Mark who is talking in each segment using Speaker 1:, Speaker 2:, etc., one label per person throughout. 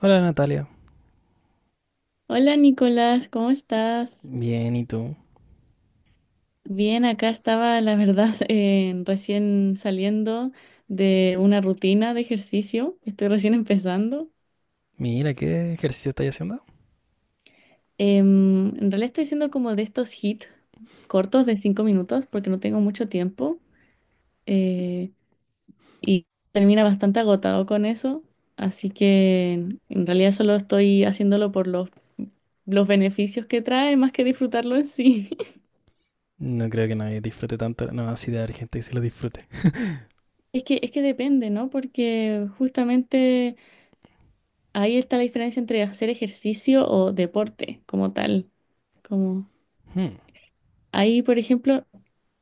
Speaker 1: Hola, Natalia.
Speaker 2: Hola Nicolás, ¿cómo estás?
Speaker 1: Bien, ¿y tú?
Speaker 2: Bien, acá estaba, la verdad, recién saliendo de una rutina de ejercicio. Estoy recién empezando.
Speaker 1: Mira, ¿qué ejercicio estás haciendo?
Speaker 2: En realidad estoy haciendo como de estos hits cortos de 5 minutos porque no tengo mucho tiempo eh, y termina bastante agotado con eso. Así que en realidad solo estoy haciéndolo por los beneficios que trae más que disfrutarlo en sí.
Speaker 1: No creo que nadie disfrute tanto. No, así de haber gente que se lo disfrute.
Speaker 2: Es que depende, ¿no? Porque justamente... Ahí está la diferencia entre hacer ejercicio o deporte como tal. Como
Speaker 1: Hmm.
Speaker 2: ahí, por ejemplo,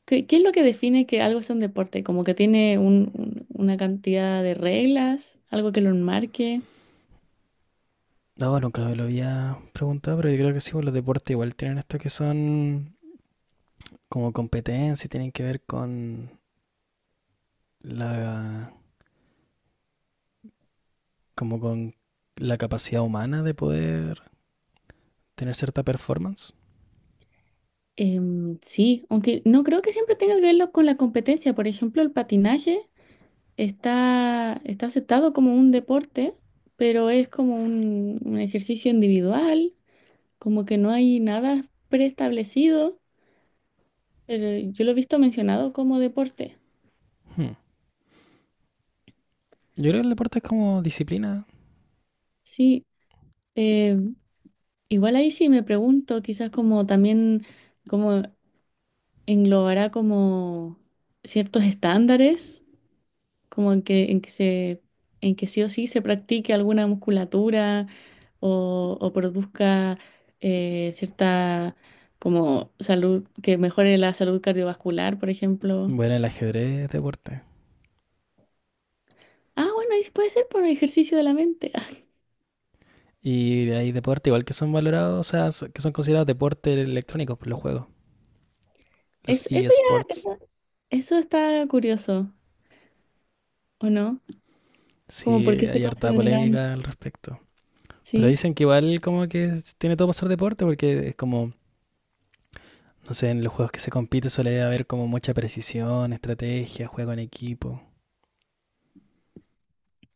Speaker 2: ¿qué es lo que define que algo es un deporte? Como que tiene una cantidad de reglas, algo que lo enmarque.
Speaker 1: No, nunca me lo había preguntado, pero yo creo que sí, pues los deportes igual tienen esto que son como competencia y tienen que ver con la, como con la capacidad humana de poder tener cierta performance.
Speaker 2: Sí, aunque no creo que siempre tenga que verlo con la competencia. Por ejemplo, el patinaje está aceptado como un deporte, pero es como un ejercicio individual, como que no hay nada preestablecido. Yo lo he visto mencionado como deporte.
Speaker 1: Hmm. Yo creo que el deporte es como disciplina.
Speaker 2: Sí, eh, igual ahí sí me pregunto, quizás como también como englobará como ciertos estándares, como en que se en que sí o sí se practique alguna musculatura o produzca cierta como salud que mejore la salud cardiovascular, por ejemplo.
Speaker 1: Bueno, el ajedrez es deporte.
Speaker 2: Ah, bueno, ahí sí puede ser por ejercicio de la mente.
Speaker 1: Y hay deporte igual que son valorados, o sea, que son considerados deporte electrónico por los juegos, los
Speaker 2: Eso ya,
Speaker 1: eSports.
Speaker 2: eso está curioso. ¿O no? Como
Speaker 1: Sí,
Speaker 2: porque se
Speaker 1: hay harta
Speaker 2: considerarán,
Speaker 1: polémica al respecto. Pero
Speaker 2: ¿sí?
Speaker 1: dicen que igual como que tiene todo para ser deporte porque es como, no sé, en los juegos que se compite suele haber como mucha precisión, estrategia, juego en equipo.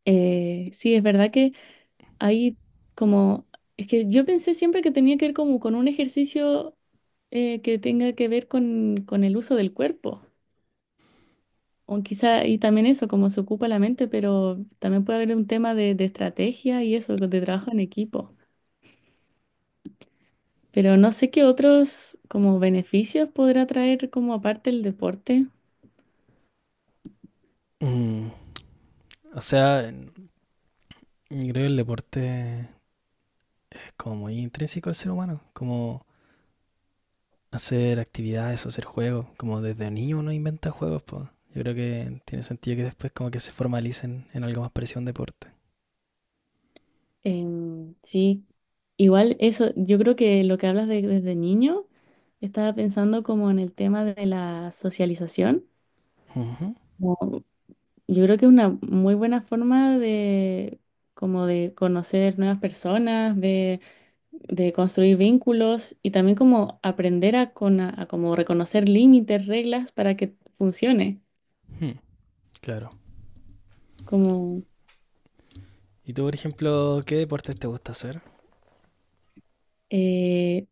Speaker 2: Sí, es verdad que hay como, es que yo pensé siempre que tenía que ver como con un ejercicio que tenga que ver con, el uso del cuerpo, o quizá, y también eso, como se ocupa la mente, pero también puede haber un tema de estrategia y eso, de trabajo en equipo. Pero no sé qué otros como beneficios podrá traer como aparte el deporte.
Speaker 1: Mm, O sea, creo que el deporte es como muy intrínseco al ser humano, como hacer actividades, hacer juegos, como desde niño uno inventa juegos, pues. Yo creo que tiene sentido que después como que se formalicen en algo más parecido a un deporte.
Speaker 2: Sí, igual eso, yo creo que lo que hablas de, desde niño, estaba pensando como en el tema de la socialización.
Speaker 1: Ujú.
Speaker 2: como- yo creo que es una muy buena forma de como de conocer nuevas personas, de construir vínculos y también como aprender a, con, a, como reconocer límites, reglas para que funcione.
Speaker 1: Hmm. Claro.
Speaker 2: Como,
Speaker 1: ¿Y tú, por ejemplo, qué deportes te gusta hacer?
Speaker 2: eh,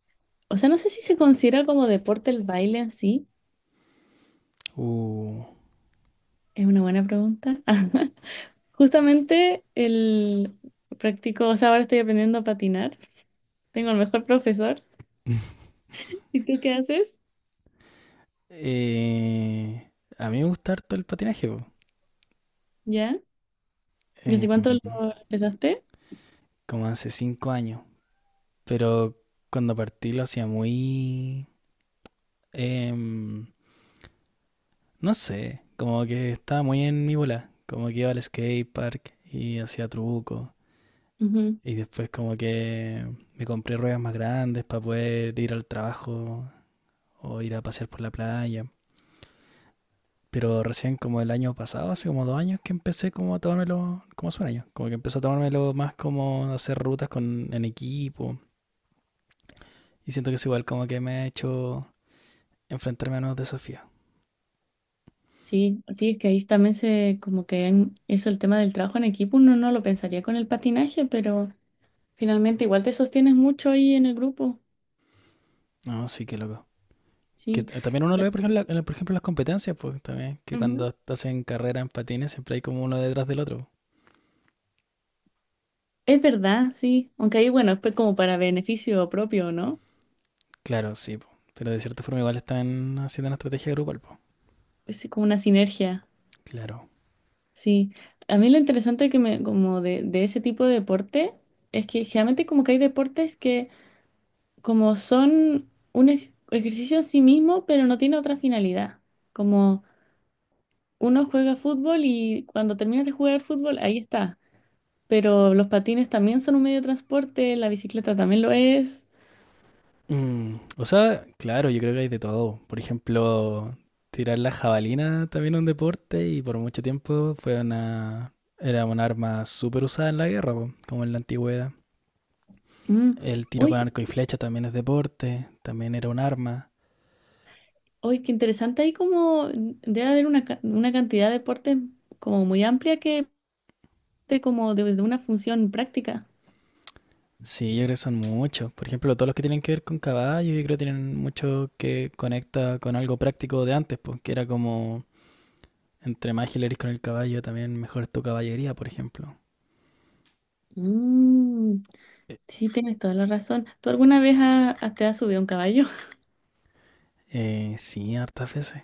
Speaker 2: o sea, no sé si se considera como deporte el baile en sí,
Speaker 1: Uh,
Speaker 2: es una buena pregunta. Justamente el practico, o sea, ahora estoy aprendiendo a patinar. Tengo el mejor profesor. ¿Y tú qué haces?
Speaker 1: eh, a mí me gusta harto el patinaje, po.
Speaker 2: ¿Ya? ¿Y
Speaker 1: Eh,
Speaker 2: hace cuánto lo empezaste?
Speaker 1: como hace 5 años. Pero cuando partí lo hacía muy... em, no sé, como que estaba muy en mi bola. Como que iba al skate park y hacía truco.
Speaker 2: Ujú.
Speaker 1: Y después como que me compré ruedas más grandes para poder ir al trabajo o ir a pasear por la playa. Pero recién como el año pasado, hace como 2 años que empecé como a tomármelo, como hace 1 año, como que empecé a tomármelo más como hacer rutas con, en equipo. Y siento que es igual como que me ha hecho enfrentarme a nuevos desafíos.
Speaker 2: Sí, sí, es que ahí también se, como que eso, el tema del trabajo en equipo, uno no lo pensaría con el patinaje, pero finalmente igual te sostienes mucho ahí en el grupo.
Speaker 1: No, sí, qué loco. Que
Speaker 2: Sí.
Speaker 1: t- también uno lo
Speaker 2: Ya.
Speaker 1: ve, por ejemplo, en la- por ejemplo, en las competencias, pues también, que
Speaker 2: Ujú.
Speaker 1: cuando hacen carrera en patines siempre hay como uno detrás del otro.
Speaker 2: Es verdad, sí. Aunque ahí, bueno, es pues como para beneficio propio, ¿no?
Speaker 1: Claro, sí, po, pero de cierta forma igual están haciendo una estrategia grupal, pues.
Speaker 2: Es como una sinergia.
Speaker 1: Claro.
Speaker 2: Sí, a mí lo interesante que me, como de ese tipo de deporte es que generalmente como que hay deportes que como son un ejercicio en sí mismo, pero no tiene otra finalidad. Como uno juega fútbol y cuando terminas de jugar fútbol, ahí está. Pero los patines también son un medio de transporte, la bicicleta también lo es.
Speaker 1: Mm, o sea, claro, yo creo que hay de todo. Por ejemplo, tirar la jabalina también es un deporte y por mucho tiempo era un arma súper usada en la guerra, po, como en la antigüedad.
Speaker 2: Mm.
Speaker 1: El tiro
Speaker 2: Hoy,
Speaker 1: con
Speaker 2: sí-
Speaker 1: arco y flecha también es deporte, también era un arma.
Speaker 2: Hoy qué interesante, hay como debe haber una cantidad de deportes como muy amplia que te como de una función práctica.
Speaker 1: Sí, yo creo que son muchos. Por ejemplo, todos los que tienen que ver con caballos, yo creo que tienen mucho que conecta con algo práctico de antes, porque era como entre más ágil eres con el caballo, también mejor es tu caballería, por ejemplo.
Speaker 2: Mm,
Speaker 1: Eh,
Speaker 2: sí, tienes toda la razón. ¿Tú alguna vez te has subido a un caballo?
Speaker 1: sí, hartas veces.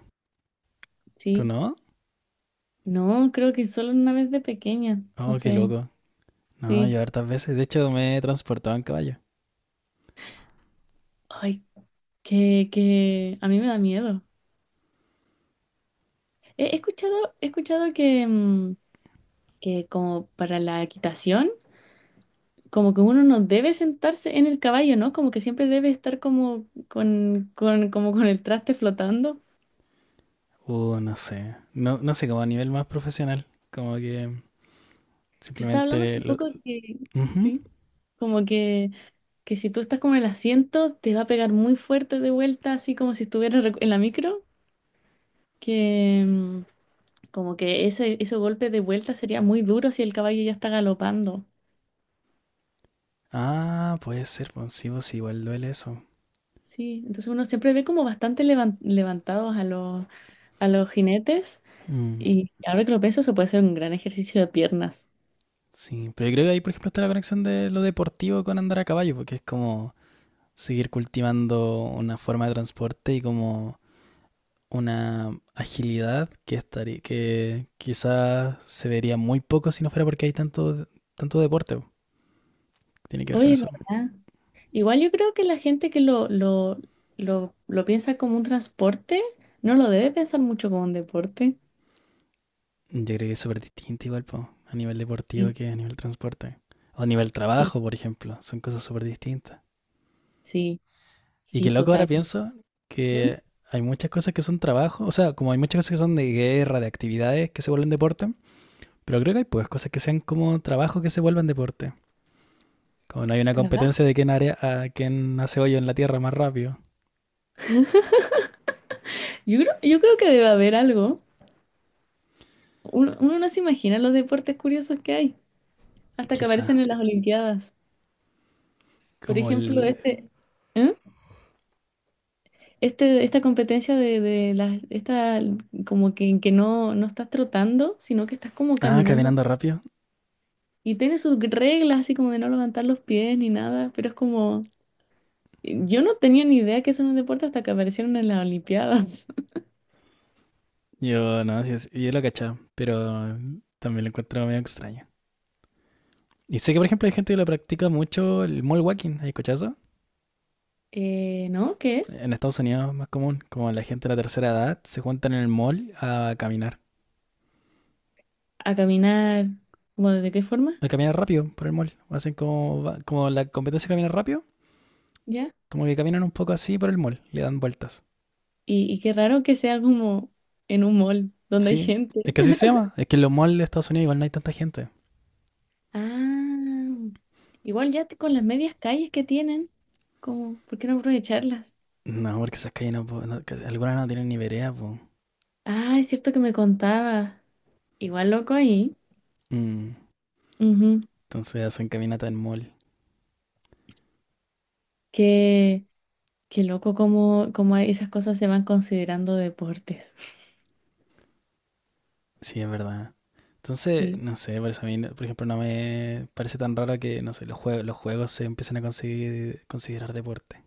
Speaker 1: ¿Tú
Speaker 2: Sí.
Speaker 1: no?
Speaker 2: No, creo que solo una vez de pequeña.
Speaker 1: Oh, qué
Speaker 2: Entonces,
Speaker 1: loco. No,
Speaker 2: sí.
Speaker 1: yo hartas veces. De hecho, me he transportado en caballo.
Speaker 2: Ay, que a mí me da miedo. He escuchado que, que como para la equitación, como que uno no debe sentarse en el caballo, ¿no? Como que siempre debe estar como con, como con el traste flotando.
Speaker 1: No sé. No, no sé, como a nivel más profesional. Como que
Speaker 2: Yo estaba hablando
Speaker 1: simplemente
Speaker 2: hace
Speaker 1: lo...
Speaker 2: poco que,
Speaker 1: Ujú.
Speaker 2: sí, como que si tú estás como en el asiento, te va a pegar muy fuerte de vuelta, así como si estuvieras en la micro, que como que ese golpe de vuelta sería muy duro si el caballo ya está galopando.
Speaker 1: Ah, puede ser. Pues sí, igual duele eso.
Speaker 2: Sí, entonces uno siempre ve como bastante levantados a los jinetes
Speaker 1: Mm,
Speaker 2: y ahora que lo pienso, eso puede ser un gran ejercicio de piernas.
Speaker 1: sí, pero yo creo que ahí, por ejemplo, está la conexión de lo deportivo con andar a caballo, porque es como seguir cultivando una forma de transporte y como una agilidad que estaría, que quizás se vería muy poco si no fuera porque hay tanto, tanto deporte. Tiene que ver con
Speaker 2: Oye, ¿es
Speaker 1: eso.
Speaker 2: verdad? Igual yo creo que la gente que lo piensa como un transporte, no lo debe pensar mucho como un deporte.
Speaker 1: Yo creo que es súper distinto igual, po, a nivel deportivo
Speaker 2: Sí,
Speaker 1: que a nivel transporte. O a nivel
Speaker 2: sí,
Speaker 1: trabajo, por ejemplo. Son cosas súper distintas.
Speaker 2: sí.
Speaker 1: Y
Speaker 2: Sí,
Speaker 1: que loco, ahora
Speaker 2: total.
Speaker 1: pienso
Speaker 2: ¿Mm?
Speaker 1: que hay muchas cosas que son trabajo. O sea, como hay muchas cosas que son de guerra, de actividades que se vuelven deporte. Pero creo que hay pues cosas que sean como trabajo que se vuelvan deporte. Como no hay una
Speaker 2: Trabajo.
Speaker 1: competencia de quién, área, a quién hace hoyo en la tierra más rápido.
Speaker 2: Yo creo que debe haber algo. Uno no se imagina los deportes curiosos que hay, hasta que aparecen
Speaker 1: Quizá.
Speaker 2: en las Olimpiadas. Por
Speaker 1: Como
Speaker 2: ejemplo,
Speaker 1: el...
Speaker 2: este, ¿eh? Esta competencia de, las, esta, como que, en que no estás trotando, sino que estás como
Speaker 1: Ah,
Speaker 2: caminando.
Speaker 1: caminando rápido.
Speaker 2: Y tiene sus reglas, así como de no levantar los pies ni nada, pero es como, yo no tenía ni idea que eso era un deporte hasta que aparecieron en las Olimpiadas.
Speaker 1: Yo no, sí, sí, yo lo cachaba. Pero también lo encuentro medio extraño. Y sé que, por ejemplo, hay gente que lo practica mucho el mall walking, ¿hay cochazo?
Speaker 2: ¿No? ¿Qué es?
Speaker 1: En Estados Unidos es más común, como la gente de la tercera edad se juntan en el mall
Speaker 2: ¿A caminar? ¿Cómo de qué forma?
Speaker 1: a caminar rápido por el mall. Hacen como, como la competencia de caminar rápido,
Speaker 2: ¿Ya?
Speaker 1: como que caminan un poco así por el mall, le dan vueltas.
Speaker 2: Y qué raro que sea como en un mall donde hay
Speaker 1: Sí,
Speaker 2: gente.
Speaker 1: es que así se llama, es que en los malls de Estados Unidos igual no hay tanta gente.
Speaker 2: Ah, igual ya te- con las medias calles que tienen, como, ¿por qué no aprovecharlas?
Speaker 1: No, porque esas calles no, que algunas no tienen ni vereda, po.
Speaker 2: Ah, es cierto que me contaba, igual loco ahí,
Speaker 1: Mm,
Speaker 2: ujú,
Speaker 1: entonces hacen caminata en mall,
Speaker 2: que, que loco como, como esas cosas se van considerando deportes.
Speaker 1: sí, es verdad. Entonces,
Speaker 2: Sí,
Speaker 1: no sé, por eso a mí, no- por ejemplo, no me parece tan raro que, no sé, los juegos se empiecen a considerar deporte.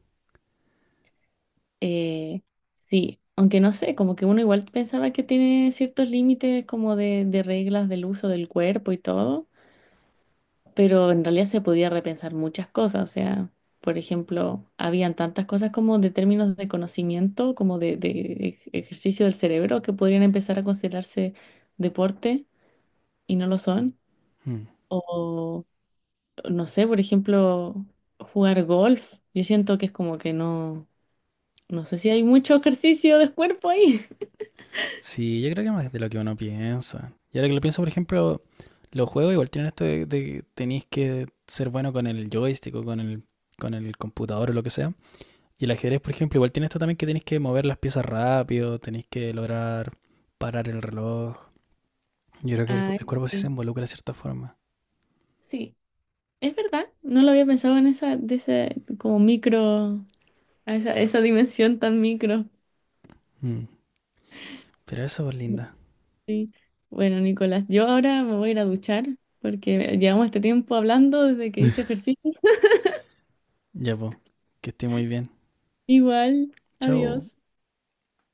Speaker 2: eh, sí, aunque no sé, como que uno igual pensaba que tiene ciertos límites como de, reglas del uso del cuerpo y todo, pero en realidad se podía repensar muchas cosas, o sea, por ejemplo, habían tantas cosas como de términos de conocimiento, como de, de ejercicio del cerebro, que podrían empezar a considerarse deporte y no lo son,
Speaker 1: Hmm.
Speaker 2: o no sé, por ejemplo, jugar golf, yo siento que es como que no, no sé si hay mucho ejercicio de cuerpo ahí.
Speaker 1: Sí, yo creo que más de lo que uno piensa. Y ahora que lo pienso, por ejemplo, los juegos igual tienen esto de que tenéis que ser bueno con el joystick o con el computador o lo que sea. Y el ajedrez, por ejemplo, igual tiene esto también que tenéis que mover las piezas rápido, tenéis que lograr parar el reloj. Yo creo que
Speaker 2: Ah,
Speaker 1: el
Speaker 2: eso
Speaker 1: cuerpo sí se
Speaker 2: sí,
Speaker 1: involucra de cierta forma.
Speaker 2: sí, es verdad, no lo había pensado en esa, de ese, como micro, a esa dimensión tan micro.
Speaker 1: Hmm. Pero eso es linda.
Speaker 2: Sí. Bueno, Nicolás, yo ahora me voy a ir a duchar porque llevamos este tiempo hablando desde que hice ejercicio.
Speaker 1: Ya, pues, que esté muy bien.
Speaker 2: Igual,
Speaker 1: Chao.
Speaker 2: adiós.